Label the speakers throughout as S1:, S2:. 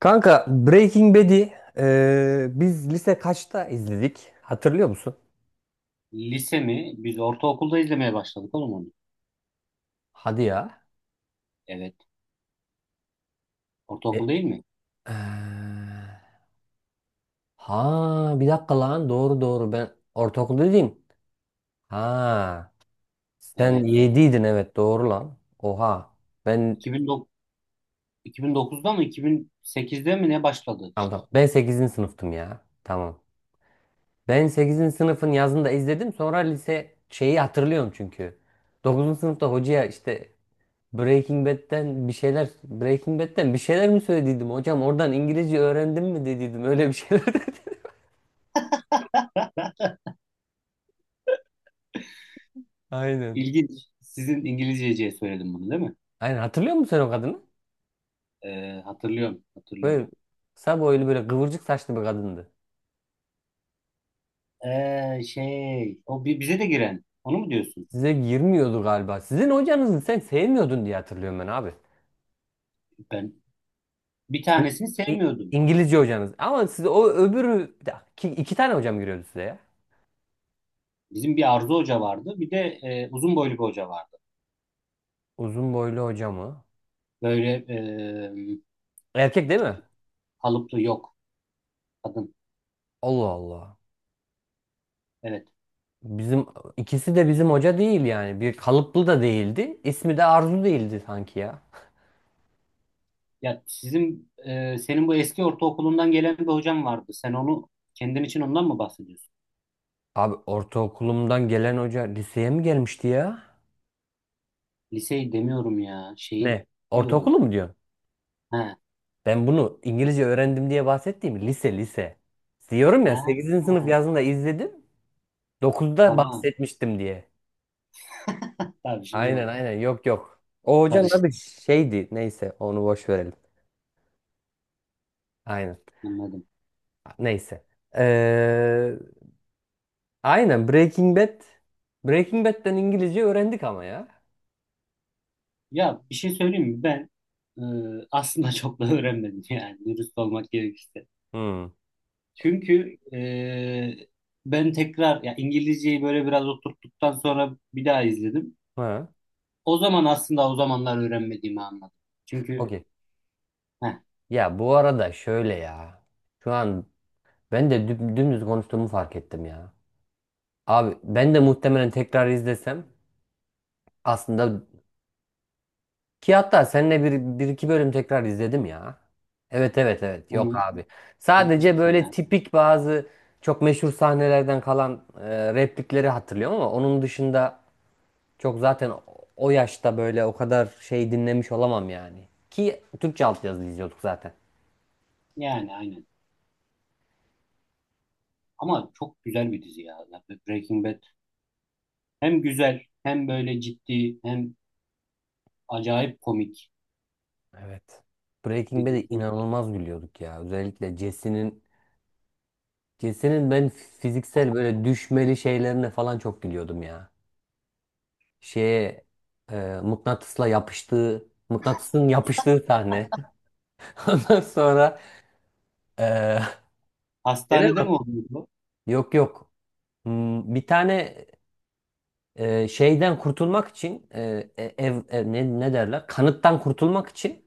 S1: Kanka Breaking Bad'i biz lise kaçta izledik? Hatırlıyor musun?
S2: Lise mi? Biz ortaokulda izlemeye başladık oğlum onu.
S1: Hadi ya.
S2: Evet.
S1: E,
S2: Ortaokul değil mi?
S1: eee, ha bir dakika lan doğru doğru ben ortaokulda değilim. Ha sen
S2: Evet, evet.
S1: yediydin evet doğru lan. Oha ben
S2: 2009, 2009'da mı 2008'de mi ne başladı
S1: tamam,
S2: işte.
S1: tamam. Ben sekizinci sınıftım ya. Tamam. Ben sekizinci sınıfın yazında izledim sonra lise şeyi hatırlıyorum çünkü dokuzuncu sınıfta hocaya işte Breaking Bad'den bir şeyler mi söylediydim hocam? Oradan İngilizce öğrendim mi dediydim. Öyle bir şeyler dedi. Aynen.
S2: İlginç. Sizin İngilizceciye söyledim bunu değil mi?
S1: Aynen hatırlıyor musun sen o kadını?
S2: Hatırlıyorum, hatırlıyorum.
S1: Böyle kısa boylu böyle kıvırcık saçlı bir kadındı.
S2: O bize de giren. Onu mu diyorsun?
S1: Size girmiyordu galiba. Sizin hocanızı sen sevmiyordun diye hatırlıyorum ben abi.
S2: Ben bir
S1: İ-
S2: tanesini sevmiyordum.
S1: İngilizce hocanız. Ama size o öbürü bir dakika, iki tane hocam giriyordu size ya.
S2: Bizim bir Arzu Hoca vardı. Bir de uzun boylu bir hoca vardı.
S1: Uzun boylu hocamı.
S2: Böyle
S1: Erkek değil mi?
S2: kalıplı yok kadın.
S1: Allah Allah.
S2: Evet.
S1: Bizim ikisi de bizim hoca değil yani. Bir kalıplı da değildi. İsmi de Arzu değildi sanki ya.
S2: Ya sizin senin bu eski ortaokulundan gelen bir hocam vardı. Sen onu kendin için ondan mı bahsediyorsun?
S1: Abi ortaokulumdan gelen hoca liseye mi gelmişti ya?
S2: Liseyi demiyorum ya. Şeyi
S1: Ne?
S2: diyorum.
S1: Ortaokulu mu diyorsun?
S2: Ha,
S1: Ben bunu İngilizce öğrendim diye bahsettiğim lise lise. Diyorum ya
S2: ha,
S1: sekizinci sınıf
S2: he.
S1: yazında izledim dokuzda
S2: Tamam.
S1: bahsetmiştim diye.
S2: Tabii şimdi
S1: Aynen
S2: oldu.
S1: aynen yok yok. O hocanın
S2: Karıştı.
S1: adı şeydi. Neyse onu boş verelim. Aynen.
S2: Anladım.
S1: Neyse. Ee, Aynen Breaking Bad. Breaking Bad'den İngilizce öğrendik ama ya.
S2: Ya bir şey söyleyeyim mi? Ben e, aslında çok da öğrenmedim yani dürüst olmak gerekirse.
S1: Hmm.
S2: Çünkü ben tekrar ya İngilizceyi böyle biraz oturttuktan sonra bir daha izledim.
S1: Ha.
S2: O zaman aslında o zamanlar öğrenmediğimi anladım. Çünkü
S1: Okey.
S2: heh,
S1: Ya bu arada şöyle ya. Şu an ben de dümdüz konuştuğumu fark ettim ya. Abi ben de muhtemelen tekrar izlesem aslında ki hatta seninle bir iki bölüm tekrar izledim ya. Evet evet evet yok
S2: hı.
S1: abi.
S2: İlk
S1: Sadece böyle
S2: sene.
S1: tipik bazı çok meşhur sahnelerden kalan replikleri hatırlıyorum ama onun dışında çok zaten o yaşta böyle o kadar şey dinlemiş olamam yani. Ki Türkçe altyazılı izliyorduk zaten.
S2: Yani aynen. Ama çok güzel bir dizi ya. Breaking Bad. Hem güzel hem böyle ciddi hem acayip komik
S1: Evet. Breaking
S2: bir
S1: Bad'e
S2: dizi.
S1: inanılmaz gülüyorduk ya. Özellikle Jesse'nin ben fiziksel böyle düşmeli şeylerine falan çok gülüyordum ya. Şeye mıknatısla yapıştığı mıknatısın yapıştığı sahne. Ondan sonra e, gene
S2: Hastanede mi
S1: mi?
S2: oluyor bu?
S1: Yok yok. Bir tane şeyden kurtulmak için ne derler? Kanıttan kurtulmak için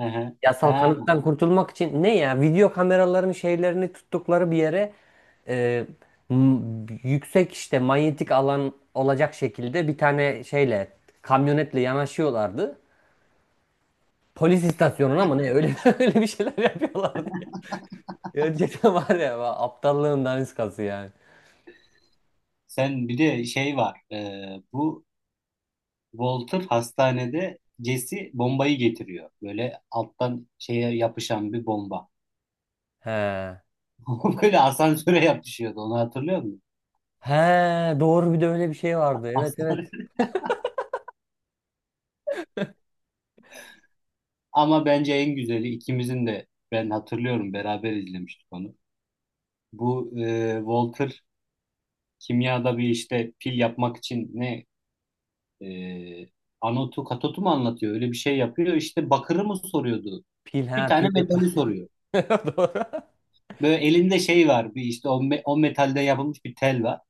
S2: Hı hı.
S1: yasal
S2: Ha,
S1: kanıttan kurtulmak için ne ya video kameraların şeylerini tuttukları bir yere e, yüksek işte manyetik alan olacak şekilde bir tane şeyle kamyonetle yanaşıyorlardı. Polis istasyonuna mı ne öyle öyle bir şeyler yapıyorlardı. Ya cidden var ya aptallığın daniskası yani.
S2: sen bir de şey var. Bu Walter hastanede Jesse bombayı getiriyor. Böyle alttan şeye yapışan bir bomba.
S1: He.
S2: Böyle asansöre yapışıyordu. Onu hatırlıyor musun?
S1: He doğru bir de öyle bir şey vardı. Evet
S2: Hastane.
S1: evet.
S2: Ama bence en güzeli ikimizin de ben hatırlıyorum beraber izlemiştik onu. Walter kimyada bir işte pil yapmak için ne e, anotu katotu mu anlatıyor? Öyle bir şey yapıyor. İşte bakırı mı soruyordu?
S1: Pil ha
S2: Bir tane
S1: pil yap.
S2: metali soruyor.
S1: Doğru.
S2: Böyle elinde şey var. Bir işte o metalde yapılmış bir tel var.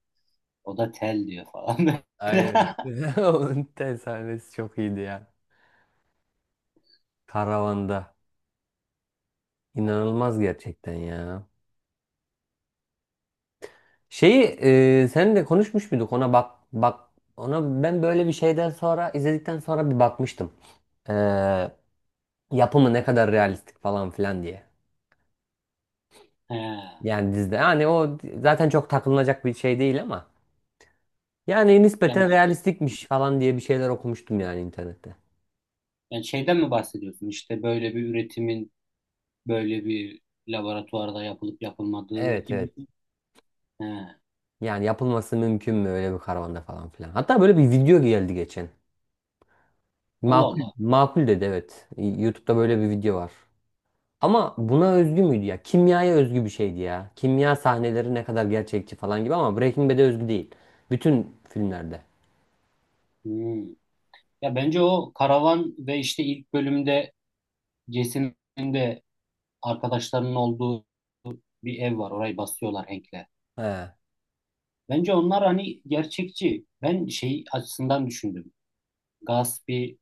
S2: O da tel diyor falan.
S1: Aynen. Onun tel sahnesi çok iyiydi ya. Karavanda. İnanılmaz gerçekten ya. Şeyi seninle konuşmuş muyduk? Ona bak bak ona ben böyle bir şeyden sonra izledikten sonra bir bakmıştım. E, yapımı ne kadar realistik falan filan diye.
S2: He.
S1: Yani dizide yani o zaten çok takılınacak bir şey değil ama yani
S2: Yani,
S1: nispeten realistikmiş falan diye bir şeyler okumuştum yani internette.
S2: yani şeyden mi bahsediyorsun? İşte böyle bir üretimin böyle bir laboratuvarda yapılıp yapılmadığı
S1: Evet
S2: gibi.
S1: evet.
S2: He.
S1: Yani yapılması mümkün mü öyle bir karavanda falan filan. Hatta böyle bir video geldi geçen.
S2: Allah
S1: Makul,
S2: Allah.
S1: makul dedi evet. YouTube'da böyle bir video var. Ama buna özgü müydü ya? Kimyaya özgü bir şeydi ya. Kimya sahneleri ne kadar gerçekçi falan gibi ama Breaking Bad'e özgü değil. Bütün filmlerde.
S2: Hmm. Ya bence o karavan ve işte ilk bölümde Jason'ın de arkadaşlarının olduğu bir ev var. Orayı basıyorlar Hank'le.
S1: He.
S2: Bence onlar hani gerçekçi. Ben şey açısından düşündüm. Gus bir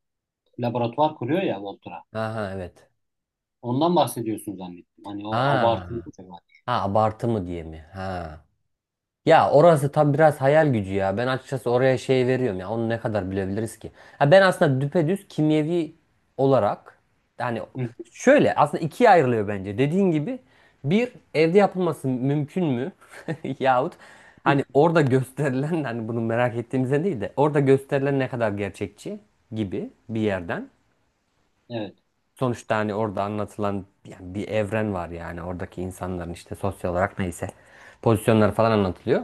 S2: laboratuvar kuruyor ya Walter'a.
S1: Aha evet.
S2: Ondan bahsediyorsun zannettim. Hani o abartılı
S1: Ha.
S2: bir tema.
S1: Ha abartı mı diye mi? Ha. Ya orası tam biraz hayal gücü ya. Ben açıkçası oraya şey veriyorum ya. Onu ne kadar bilebiliriz ki? Ha ben aslında düpedüz kimyevi olarak yani
S2: Hı.
S1: şöyle aslında ikiye ayrılıyor bence. Dediğin gibi bir evde yapılması mümkün mü? Yahut hani orada gösterilen hani bunu merak ettiğimizden değil de orada gösterilen ne kadar gerçekçi gibi bir yerden.
S2: Evet.
S1: Sonuçta hani orada anlatılan yani bir evren var yani oradaki insanların işte sosyal olarak neyse pozisyonları falan anlatılıyor.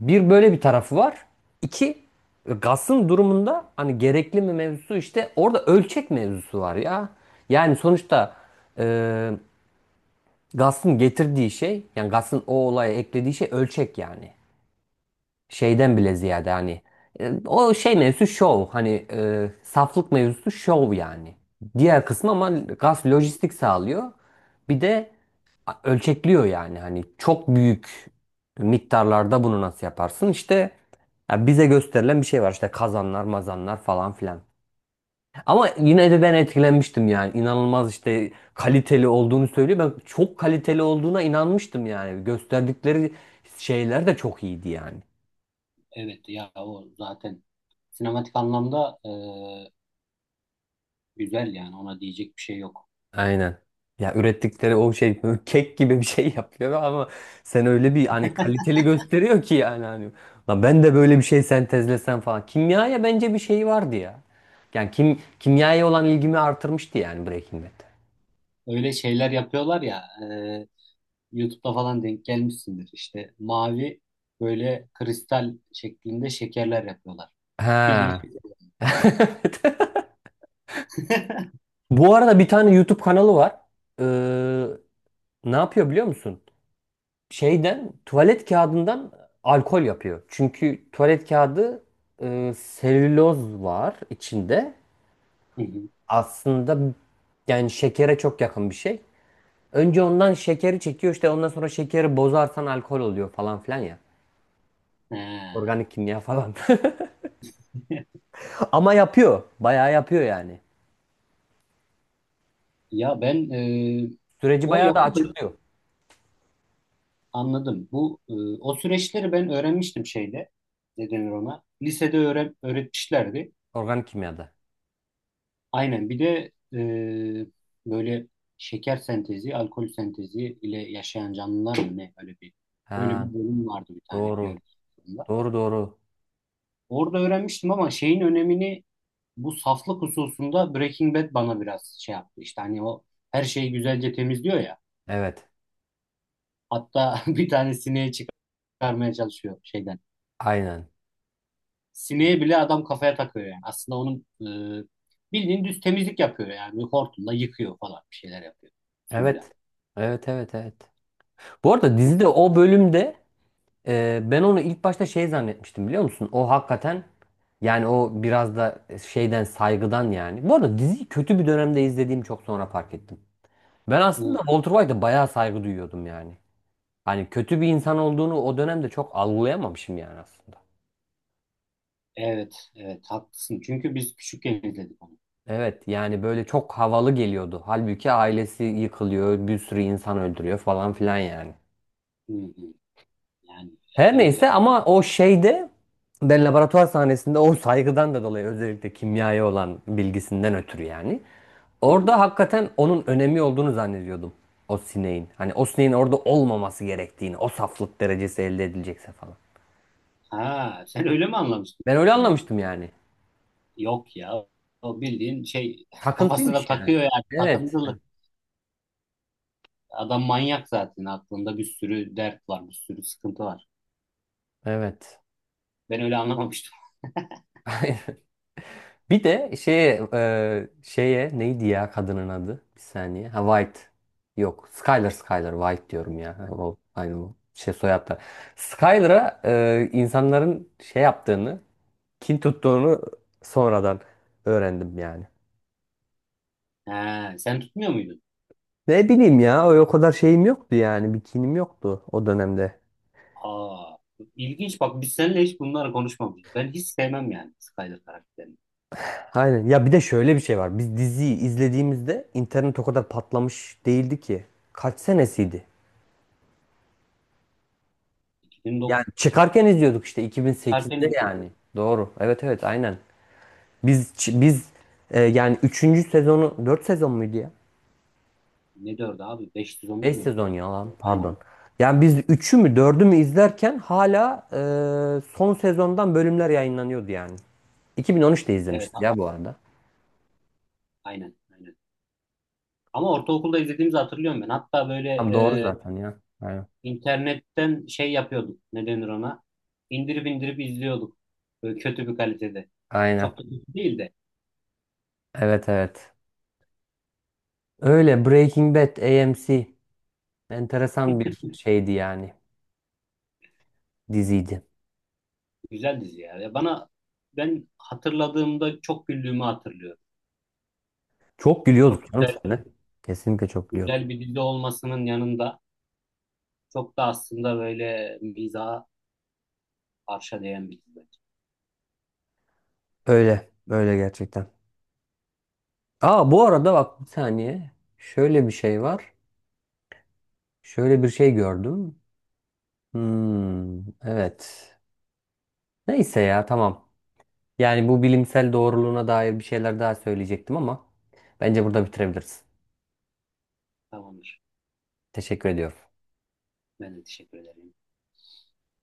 S1: Bir böyle bir tarafı var. İki Gas'ın durumunda hani gerekli mi mevzusu işte orada ölçek mevzusu var ya. Yani sonuçta e, Gas'ın getirdiği şey yani Gas'ın o olaya eklediği şey ölçek yani. Şeyden bile ziyade hani o şey mevzusu şov hani saflık mevzusu şov yani. Diğer kısmı ama Gas lojistik sağlıyor. Bir de ölçekliyor yani hani çok büyük miktarlarda bunu nasıl yaparsın işte ya bize gösterilen bir şey var işte kazanlar mazanlar falan filan. Ama yine de ben etkilenmiştim yani inanılmaz işte kaliteli olduğunu söylüyor. Ben çok kaliteli olduğuna inanmıştım yani gösterdikleri şeyler de çok iyiydi yani.
S2: Evet ya o zaten sinematik anlamda güzel yani ona diyecek bir şey yok.
S1: Aynen. Ya ürettikleri o şey böyle kek gibi bir şey yapıyor ama sen öyle bir hani kaliteli gösteriyor ki yani hani "Lan ben de böyle bir şey sentezlesem falan. Kimyaya bence bir şey vardı ya. Yani kimyaya olan ilgimi artırmıştı yani Breaking Bad.
S2: Öyle şeyler yapıyorlar ya e, YouTube'da falan denk gelmişsindir. İşte mavi böyle kristal şeklinde şekerler yapıyorlar. Bildiğin
S1: Ha.
S2: şey.
S1: Bu arada bir tane YouTube kanalı var. Ee, ne yapıyor biliyor musun? Şeyden tuvalet kağıdından alkol yapıyor. Çünkü tuvalet kağıdı selüloz var içinde.
S2: Hı hı.
S1: Aslında yani şekere çok yakın bir şey. Önce ondan şekeri çekiyor işte ondan sonra şekeri bozarsan alkol oluyor falan filan ya.
S2: Ha.
S1: Organik kimya falan. Ama yapıyor. Bayağı yapıyor yani.
S2: Ya ben
S1: Süreci
S2: o
S1: bayağı da
S2: yapımı
S1: açıklıyor.
S2: anladım. Bu o süreçleri ben öğrenmiştim şeyde. Ne denir ona? Lisede öğren, öğretmişlerdi.
S1: Organik kimyada.
S2: Aynen. Bir de böyle şeker sentezi, alkol sentezi ile yaşayan canlılar mı ne? Öyle
S1: Ha,
S2: bir bölüm vardı bir tane
S1: doğru.
S2: biyoloji bölümünde.
S1: Doğru doğru.
S2: Orada öğrenmiştim ama şeyin önemini bu saflık hususunda Breaking Bad bana biraz şey yaptı. İşte hani o her şeyi güzelce temizliyor ya.
S1: Evet.
S2: Hatta bir tane sineği çıkarmaya çalışıyor şeyden.
S1: Aynen.
S2: Sineği bile adam kafaya takıyor yani. Aslında onun bildiğin düz temizlik yapıyor yani. Hortumla yıkıyor falan bir şeyler yapıyor suyla.
S1: Evet. Evet evet evet. Bu arada
S2: Bu-
S1: dizide o bölümde Ben onu ilk başta şey zannetmiştim biliyor musun? O hakikaten yani o biraz da şeyden saygıdan yani. Bu arada diziyi kötü bir dönemde izlediğim çok sonra fark ettim. Ben aslında
S2: bu-
S1: Walter White'a bayağı saygı duyuyordum yani. Hani kötü bir insan olduğunu o dönemde çok algılayamamışım yani aslında.
S2: Evet, evet haklısın. Çünkü biz küçükken izledik onu.
S1: Evet yani böyle çok havalı geliyordu. Halbuki ailesi yıkılıyor, bir sürü insan öldürüyor falan filan yani.
S2: Hı hı. Yani
S1: Her
S2: evet.
S1: neyse ama o şeyde ben laboratuvar sahnesinde o saygıdan da dolayı özellikle kimyaya olan bilgisinden ötürü yani.
S2: Hı hı.
S1: Orada hakikaten onun önemi olduğunu zannediyordum. O sineğin. Hani o sineğin orada olmaması gerektiğini. O saflık derecesi elde edilecekse falan.
S2: Ha, sen öyle mi anlamıştın?
S1: Ben öyle
S2: Hı.
S1: anlamıştım yani.
S2: Yok ya. O bildiğin şey
S1: Takıntıymış
S2: kafasına
S1: yani.
S2: takıyor yani
S1: Evet.
S2: takıntılı. Adam manyak zaten aklında bir sürü dert var, bir sürü sıkıntı var.
S1: Evet.
S2: Ben öyle anlamamıştım.
S1: Bir de şeye neydi ya kadının adı? Bir saniye. Ha White. Yok. Skyler Skyler. White diyorum ya. O aynı bu. Şey soyadlar. Skyler'a insanların şey yaptığını, kin tuttuğunu sonradan öğrendim yani.
S2: He, sen tutmuyor muydun?
S1: Ne bileyim ya o kadar şeyim yoktu yani bikinim yoktu o dönemde.
S2: Aa, ilginç bak biz seninle hiç bunları konuşmamışız. Ben hiç sevmem yani Skyler karakterini.
S1: Aynen ya bir de şöyle bir şey var biz diziyi izlediğimizde internet o kadar patlamış değildi ki. Kaç senesiydi?
S2: 2009
S1: Yani çıkarken izliyorduk işte
S2: harfi
S1: 2008'de
S2: ne diyor?
S1: yani. Doğru evet evet aynen. Biz yani üçüncü sezonu 4 sezon muydu ya?
S2: Ne diyordu abi? 510 değil
S1: 5
S2: mi?
S1: sezon ya lan
S2: Aynen.
S1: pardon. Yani biz üçü mü dördü mü izlerken hala son sezondan bölümler yayınlanıyordu yani. 2013'te
S2: Evet
S1: izlemişiz ya bu arada.
S2: aynen. Aynen. Ama ortaokulda izlediğimizi hatırlıyorum ben. Hatta böyle
S1: Tam doğru
S2: e,
S1: zaten ya. Aynen.
S2: internetten şey yapıyorduk. Ne denir ona? İndirip indirip izliyorduk. Böyle kötü bir kalitede.
S1: Aynen.
S2: Çok da kötü değil de.
S1: Evet evet. Öyle Breaking Bad AMC enteresan bir şeydi yani diziydi.
S2: Güzel dizi ya. Ya bana ben hatırladığımda çok güldüğümü hatırlıyorum.
S1: Çok gülüyorduk
S2: Çok
S1: canım
S2: güzel.
S1: seninle. Kesinlikle çok gülüyorduk.
S2: Güzel bir dizi olmasının yanında çok da aslında böyle mizaha arşa değen bir dizi.
S1: Öyle. Öyle gerçekten. Aa bu arada bak bir saniye. Şöyle bir şey var. Şöyle bir şey gördüm. Hmm, evet. Neyse ya tamam. Yani bu bilimsel doğruluğuna dair bir şeyler daha söyleyecektim ama bence burada bitirebiliriz.
S2: Tamamdır.
S1: Teşekkür ediyorum.
S2: Ben de teşekkür ederim.